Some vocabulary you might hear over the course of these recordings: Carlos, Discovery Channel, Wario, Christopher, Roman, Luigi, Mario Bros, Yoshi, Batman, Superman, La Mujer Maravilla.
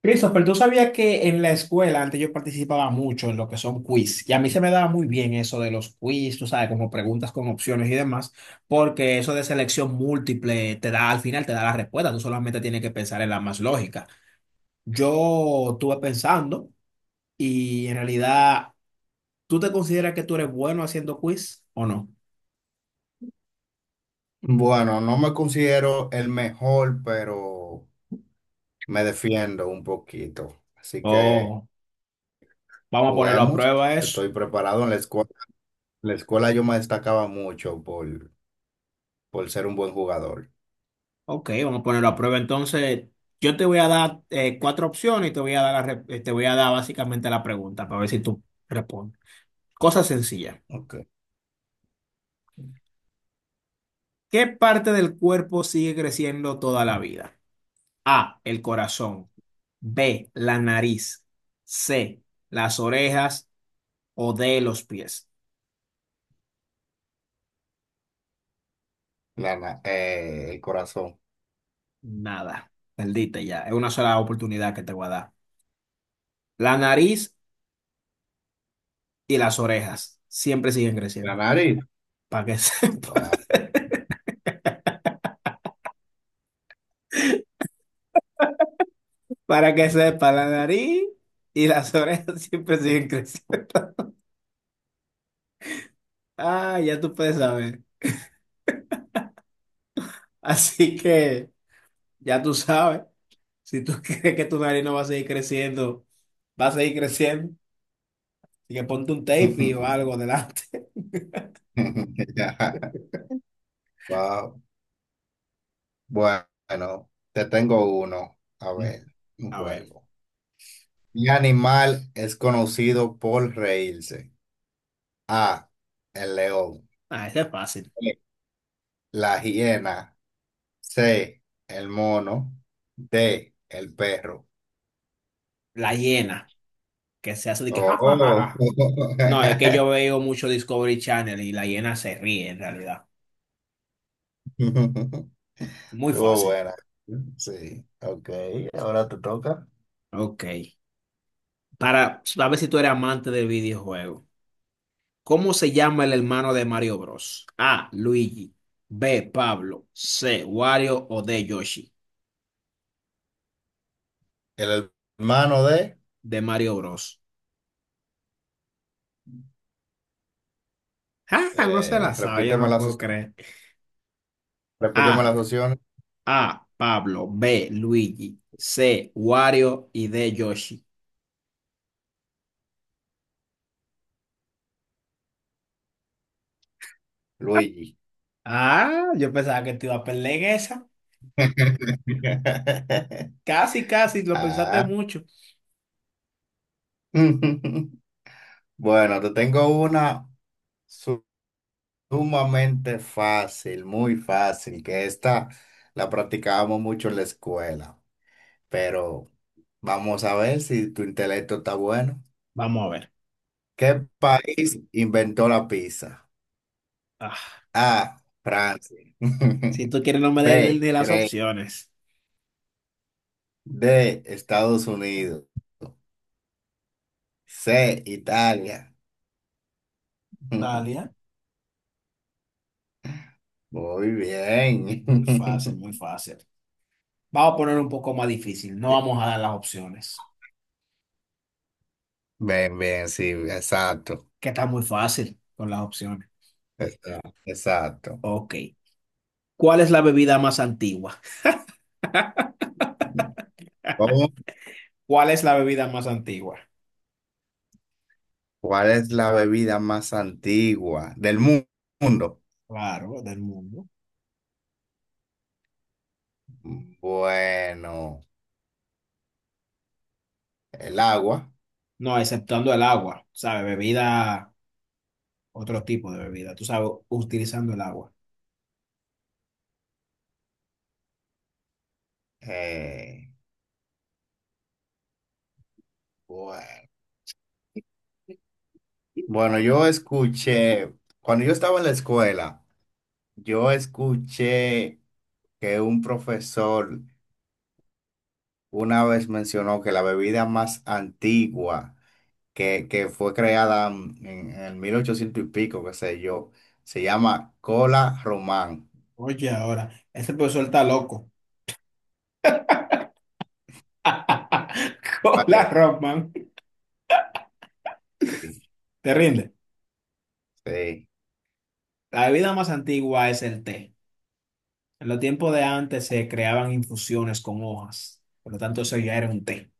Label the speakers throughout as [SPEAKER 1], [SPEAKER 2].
[SPEAKER 1] Christopher, tú sabías que en la escuela antes yo participaba mucho en lo que son quiz, y a mí se me daba muy bien eso de los quiz, tú sabes, como preguntas con opciones y demás, porque eso de selección múltiple te da, al final te da la respuesta, tú solamente tienes que pensar en la más lógica. Yo estuve pensando y en realidad, ¿tú te consideras que tú eres bueno haciendo quiz o no?
[SPEAKER 2] Bueno, no me considero el mejor, pero me defiendo un poquito. Así que
[SPEAKER 1] O vamos a ponerlo a
[SPEAKER 2] juguemos.
[SPEAKER 1] prueba eso.
[SPEAKER 2] Estoy preparado. En la escuela, yo me destacaba mucho por ser un buen jugador.
[SPEAKER 1] Ok, vamos a ponerlo a prueba. Entonces, yo te voy a dar cuatro opciones y te voy a dar la te voy a dar básicamente la pregunta para ver si tú respondes. Cosa sencilla.
[SPEAKER 2] Ok.
[SPEAKER 1] ¿Qué parte del cuerpo sigue creciendo toda la vida? A, el corazón. B, la nariz. C, las orejas o D, los pies.
[SPEAKER 2] El corazón.
[SPEAKER 1] Nada. Perdiste ya. Es una sola oportunidad que te voy a dar. La nariz y las orejas siempre siguen
[SPEAKER 2] La
[SPEAKER 1] creciendo.
[SPEAKER 2] nariz.
[SPEAKER 1] Para que
[SPEAKER 2] Wow.
[SPEAKER 1] para que sepa, la nariz y las orejas siempre siguen creciendo. Ah, ya tú puedes saber. Así que ya tú sabes. Si tú crees que tu nariz no va a seguir creciendo, va a seguir creciendo. Así que ponte un tape y o algo delante.
[SPEAKER 2] Wow. Bueno, te tengo uno. A ver, un
[SPEAKER 1] A ver,
[SPEAKER 2] juego. Mi animal es conocido por reírse. A, el león.
[SPEAKER 1] ah, ese es fácil.
[SPEAKER 2] B, la hiena. C, el mono. D, el perro.
[SPEAKER 1] La hiena, que se hace de que ja, ja, ja,
[SPEAKER 2] Oh.
[SPEAKER 1] ja. No, es que yo veo mucho Discovery Channel y la hiena se ríe en realidad. Muy
[SPEAKER 2] Estuvo
[SPEAKER 1] fácil.
[SPEAKER 2] buena. Sí, ok. Ahora te toca.
[SPEAKER 1] Ok. Para, a ver si tú eres amante de videojuegos. ¿Cómo se llama el hermano de Mario Bros? A. Luigi. B. Pablo. C. Wario o D. Yoshi.
[SPEAKER 2] El hermano de,
[SPEAKER 1] De Mario Bros. Ah, no se la sabe, yo no
[SPEAKER 2] repíteme
[SPEAKER 1] lo
[SPEAKER 2] las,
[SPEAKER 1] puedo creer.
[SPEAKER 2] repíteme
[SPEAKER 1] A.
[SPEAKER 2] las opciones.
[SPEAKER 1] A. Pablo. B. Luigi. C. Wario y D. Yoshi.
[SPEAKER 2] Luigi.
[SPEAKER 1] Ah, yo pensaba que te iba a perder en esa. Casi, casi, lo pensaste
[SPEAKER 2] Ah.
[SPEAKER 1] mucho.
[SPEAKER 2] Bueno, te tengo una sumamente fácil, muy fácil, que esta la practicábamos mucho en la escuela, pero vamos a ver si tu intelecto está bueno.
[SPEAKER 1] Vamos a ver.
[SPEAKER 2] ¿Qué país inventó la pizza?
[SPEAKER 1] Ah,
[SPEAKER 2] A, Francia.
[SPEAKER 1] si tú quieres, no me des
[SPEAKER 2] B,
[SPEAKER 1] ni las
[SPEAKER 2] Grecia.
[SPEAKER 1] opciones.
[SPEAKER 2] D, Estados Unidos. C, Italia.
[SPEAKER 1] Talia.
[SPEAKER 2] Muy
[SPEAKER 1] No, muy fácil, muy
[SPEAKER 2] bien.
[SPEAKER 1] fácil. Vamos a poner un poco más difícil. No vamos a dar las opciones,
[SPEAKER 2] Bien, bien, sí, exacto.
[SPEAKER 1] que está muy fácil con las opciones.
[SPEAKER 2] Exacto, exacto.
[SPEAKER 1] Ok. ¿Cuál es la bebida más antigua?
[SPEAKER 2] Vamos.
[SPEAKER 1] ¿Cuál es la bebida más antigua?
[SPEAKER 2] ¿Cuál es la bebida más antigua del mundo?
[SPEAKER 1] Claro, del mundo.
[SPEAKER 2] Bueno, el agua.
[SPEAKER 1] No, exceptuando el agua, ¿sabes? Bebida, otro tipo de bebida, tú sabes, utilizando el agua.
[SPEAKER 2] Eh, bueno. Bueno, yo escuché, cuando yo estaba en la escuela, yo escuché que un profesor una vez mencionó que la bebida más antigua que fue creada en el 1800 y pico, qué sé yo, se llama cola román.
[SPEAKER 1] Oye, ahora, este profesor está loco. Hola,
[SPEAKER 2] Vale,
[SPEAKER 1] Roman.
[SPEAKER 2] sí,
[SPEAKER 1] ¿Te rinde?
[SPEAKER 2] sí,
[SPEAKER 1] La bebida más antigua es el té. En los tiempos de antes se creaban infusiones con hojas, por lo tanto eso ya era un té.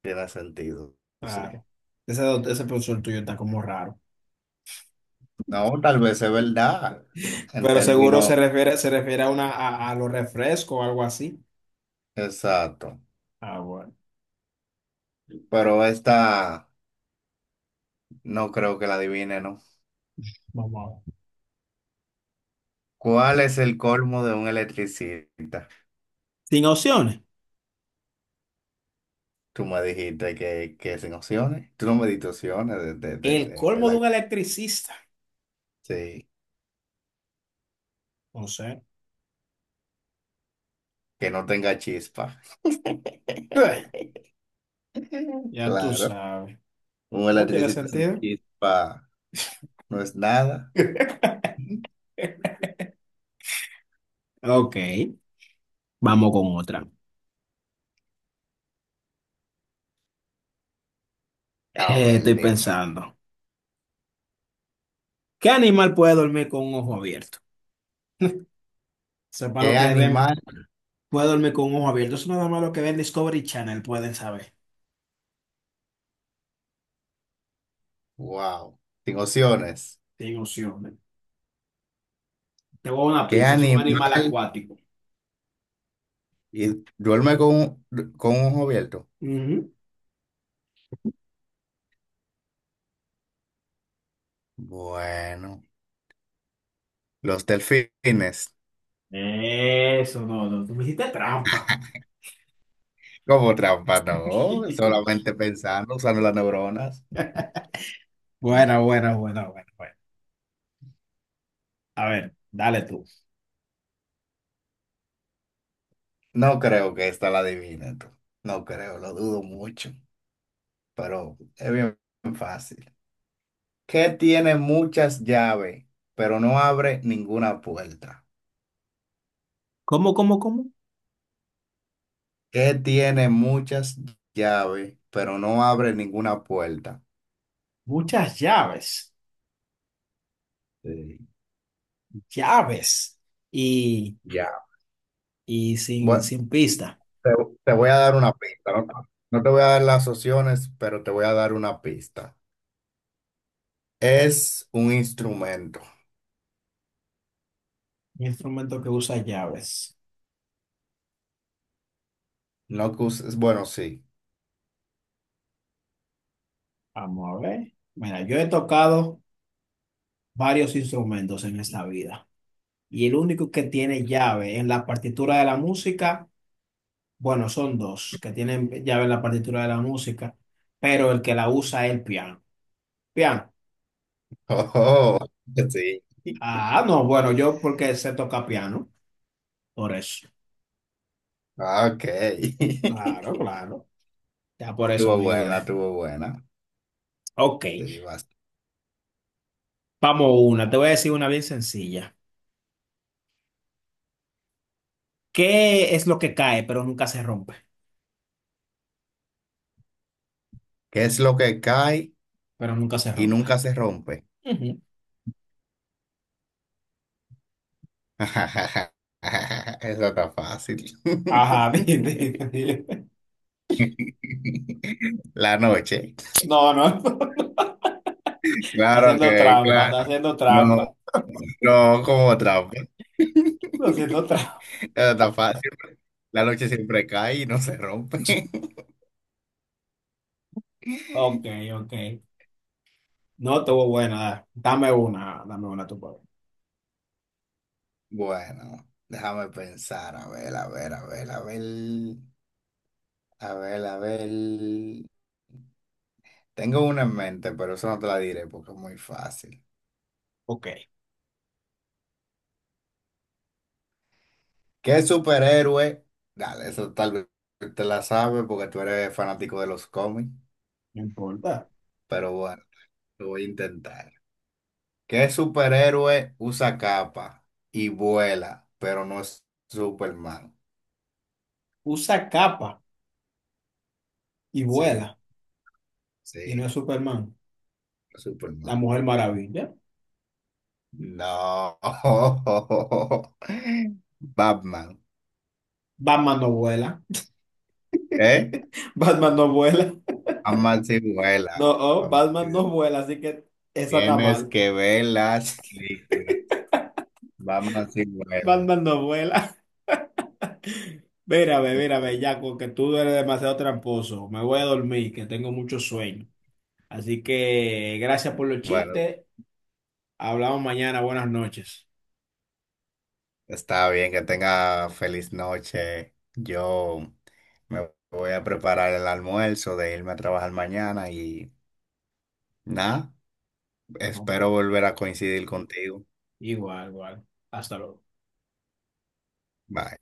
[SPEAKER 2] tiene sentido, sí.
[SPEAKER 1] Claro. Ese, ese profesor tuyo está como raro.
[SPEAKER 2] No, tal vez es verdad, en
[SPEAKER 1] Pero seguro
[SPEAKER 2] términos
[SPEAKER 1] se refiere a una a los refrescos o algo así.
[SPEAKER 2] exactos,
[SPEAKER 1] Ah, bueno.
[SPEAKER 2] pero esta no creo que la adivine, ¿no?
[SPEAKER 1] Vamos a ver.
[SPEAKER 2] ¿Cuál es el colmo de un electricista?
[SPEAKER 1] Sin opciones.
[SPEAKER 2] Tú me dijiste que sin opciones, tú no me diste opciones de, de, de,
[SPEAKER 1] El
[SPEAKER 2] de, de
[SPEAKER 1] colmo de
[SPEAKER 2] la...
[SPEAKER 1] un electricista.
[SPEAKER 2] Sí,
[SPEAKER 1] No sé.
[SPEAKER 2] que no tenga chispa.
[SPEAKER 1] Eh, Ya tú
[SPEAKER 2] Claro,
[SPEAKER 1] sabes.
[SPEAKER 2] un
[SPEAKER 1] No tiene
[SPEAKER 2] electricista sin
[SPEAKER 1] sentido.
[SPEAKER 2] chispa no es nada.
[SPEAKER 1] Ok. Vamos con otra.
[SPEAKER 2] A ver,
[SPEAKER 1] Estoy
[SPEAKER 2] dime.
[SPEAKER 1] pensando. ¿Qué animal puede dormir con un ojo abierto? Sepa lo
[SPEAKER 2] ¿Qué
[SPEAKER 1] que ven.
[SPEAKER 2] animal?
[SPEAKER 1] Puede dormir con un ojo abierto. Eso nada más lo que ven Discovery Channel pueden saber.
[SPEAKER 2] Wow, sin opciones.
[SPEAKER 1] Sin opciones. Te voy a dar una
[SPEAKER 2] ¿Qué
[SPEAKER 1] pista, es un
[SPEAKER 2] animal?
[SPEAKER 1] animal acuático.
[SPEAKER 2] Y duerme con con un ojo abierto.
[SPEAKER 1] Ujú.
[SPEAKER 2] Bueno, los delfines.
[SPEAKER 1] Eso, no, no, tú me hiciste trampa.
[SPEAKER 2] Como trampa, no. Solamente pensando, usando las neuronas.
[SPEAKER 1] Buena, buena, buena, buena, buena. A ver, dale tú.
[SPEAKER 2] No creo que esta la adivinen tú. No creo, lo dudo mucho. Pero es bien fácil. ¿Qué tiene muchas llaves, pero no abre ninguna puerta?
[SPEAKER 1] ¿Cómo, cómo, cómo?
[SPEAKER 2] ¿Qué tiene muchas llaves, pero no abre ninguna puerta?
[SPEAKER 1] Muchas llaves,
[SPEAKER 2] Sí,
[SPEAKER 1] llaves y,
[SPEAKER 2] ya.
[SPEAKER 1] y sin,
[SPEAKER 2] Bueno,
[SPEAKER 1] sin pista.
[SPEAKER 2] Te, te voy a dar una pista, ¿no? No te voy a dar las opciones, pero te voy a dar una pista. Es un instrumento.
[SPEAKER 1] Un instrumento que usa llaves.
[SPEAKER 2] No que uses- Bueno, sí.
[SPEAKER 1] Vamos a ver. Mira, yo he tocado varios instrumentos en esta vida y el único que tiene llave en la partitura de la música. Bueno, son dos que tienen llave en la partitura de la música, pero el que la usa es el piano. Piano.
[SPEAKER 2] Oh, sí.
[SPEAKER 1] Ah, no, bueno, yo porque sé tocar piano, por eso.
[SPEAKER 2] Ok.
[SPEAKER 1] Claro, claro. Ya por eso
[SPEAKER 2] Tuvo
[SPEAKER 1] me
[SPEAKER 2] buena,
[SPEAKER 1] ayudé.
[SPEAKER 2] tuvo buena.
[SPEAKER 1] Ok,
[SPEAKER 2] Sí, vas.
[SPEAKER 1] vamos una. Te voy a decir una bien sencilla. ¿Qué es lo que cae, pero nunca se rompe?
[SPEAKER 2] ¿Qué es lo que cae
[SPEAKER 1] Pero nunca se
[SPEAKER 2] y
[SPEAKER 1] rompe.
[SPEAKER 2] nunca se rompe?
[SPEAKER 1] Ujú.
[SPEAKER 2] Eso está fácil.
[SPEAKER 1] Ajá, di.
[SPEAKER 2] La noche.
[SPEAKER 1] No, no.
[SPEAKER 2] Claro
[SPEAKER 1] Haciendo
[SPEAKER 2] que,
[SPEAKER 1] trampa,
[SPEAKER 2] claro.
[SPEAKER 1] está haciendo
[SPEAKER 2] No,
[SPEAKER 1] trampa.
[SPEAKER 2] no, como trampa.
[SPEAKER 1] Está haciendo trampa.
[SPEAKER 2] Era tan fácil. La noche siempre cae y no se rompe.
[SPEAKER 1] Ok, ok. No estuvo buena. Dame una tu papá.
[SPEAKER 2] Bueno, déjame pensar. A ver, a ver, a ver, a ver. A ver, a ver. Tengo una en mente, pero eso no te la diré porque es muy fácil.
[SPEAKER 1] Ok,
[SPEAKER 2] ¿Qué superhéroe? Dale, eso tal vez te la sabes porque tú eres fanático de los cómics.
[SPEAKER 1] no importa.
[SPEAKER 2] Pero bueno, lo voy a intentar. ¿Qué superhéroe usa capa y vuela, pero no es Superman?
[SPEAKER 1] Usa capa y
[SPEAKER 2] Sí,
[SPEAKER 1] vuela. Y no
[SPEAKER 2] sí,
[SPEAKER 1] es Superman. La
[SPEAKER 2] Superman.
[SPEAKER 1] Mujer Maravilla.
[SPEAKER 2] No. Batman,
[SPEAKER 1] Batman no vuela.
[SPEAKER 2] ¿eh?
[SPEAKER 1] Batman no vuela.
[SPEAKER 2] Batman sí
[SPEAKER 1] No,
[SPEAKER 2] vuela.
[SPEAKER 1] oh,
[SPEAKER 2] Batman sí
[SPEAKER 1] Batman no
[SPEAKER 2] vuela.
[SPEAKER 1] vuela, así que esa está
[SPEAKER 2] Tienes
[SPEAKER 1] mal.
[SPEAKER 2] que ver las películas. Batman sí vuela.
[SPEAKER 1] Batman no vuela. Mírame, mírame,
[SPEAKER 2] Sí.
[SPEAKER 1] ya porque tú eres demasiado tramposo. Me voy a dormir, que tengo mucho sueño. Así que gracias por los
[SPEAKER 2] Bueno,
[SPEAKER 1] chistes. Hablamos mañana. Buenas noches.
[SPEAKER 2] está bien, que tenga feliz noche. Yo me voy a preparar el almuerzo de irme a trabajar mañana y nada,
[SPEAKER 1] No,
[SPEAKER 2] espero volver a coincidir contigo.
[SPEAKER 1] igual, igual. Hasta luego.
[SPEAKER 2] Bye.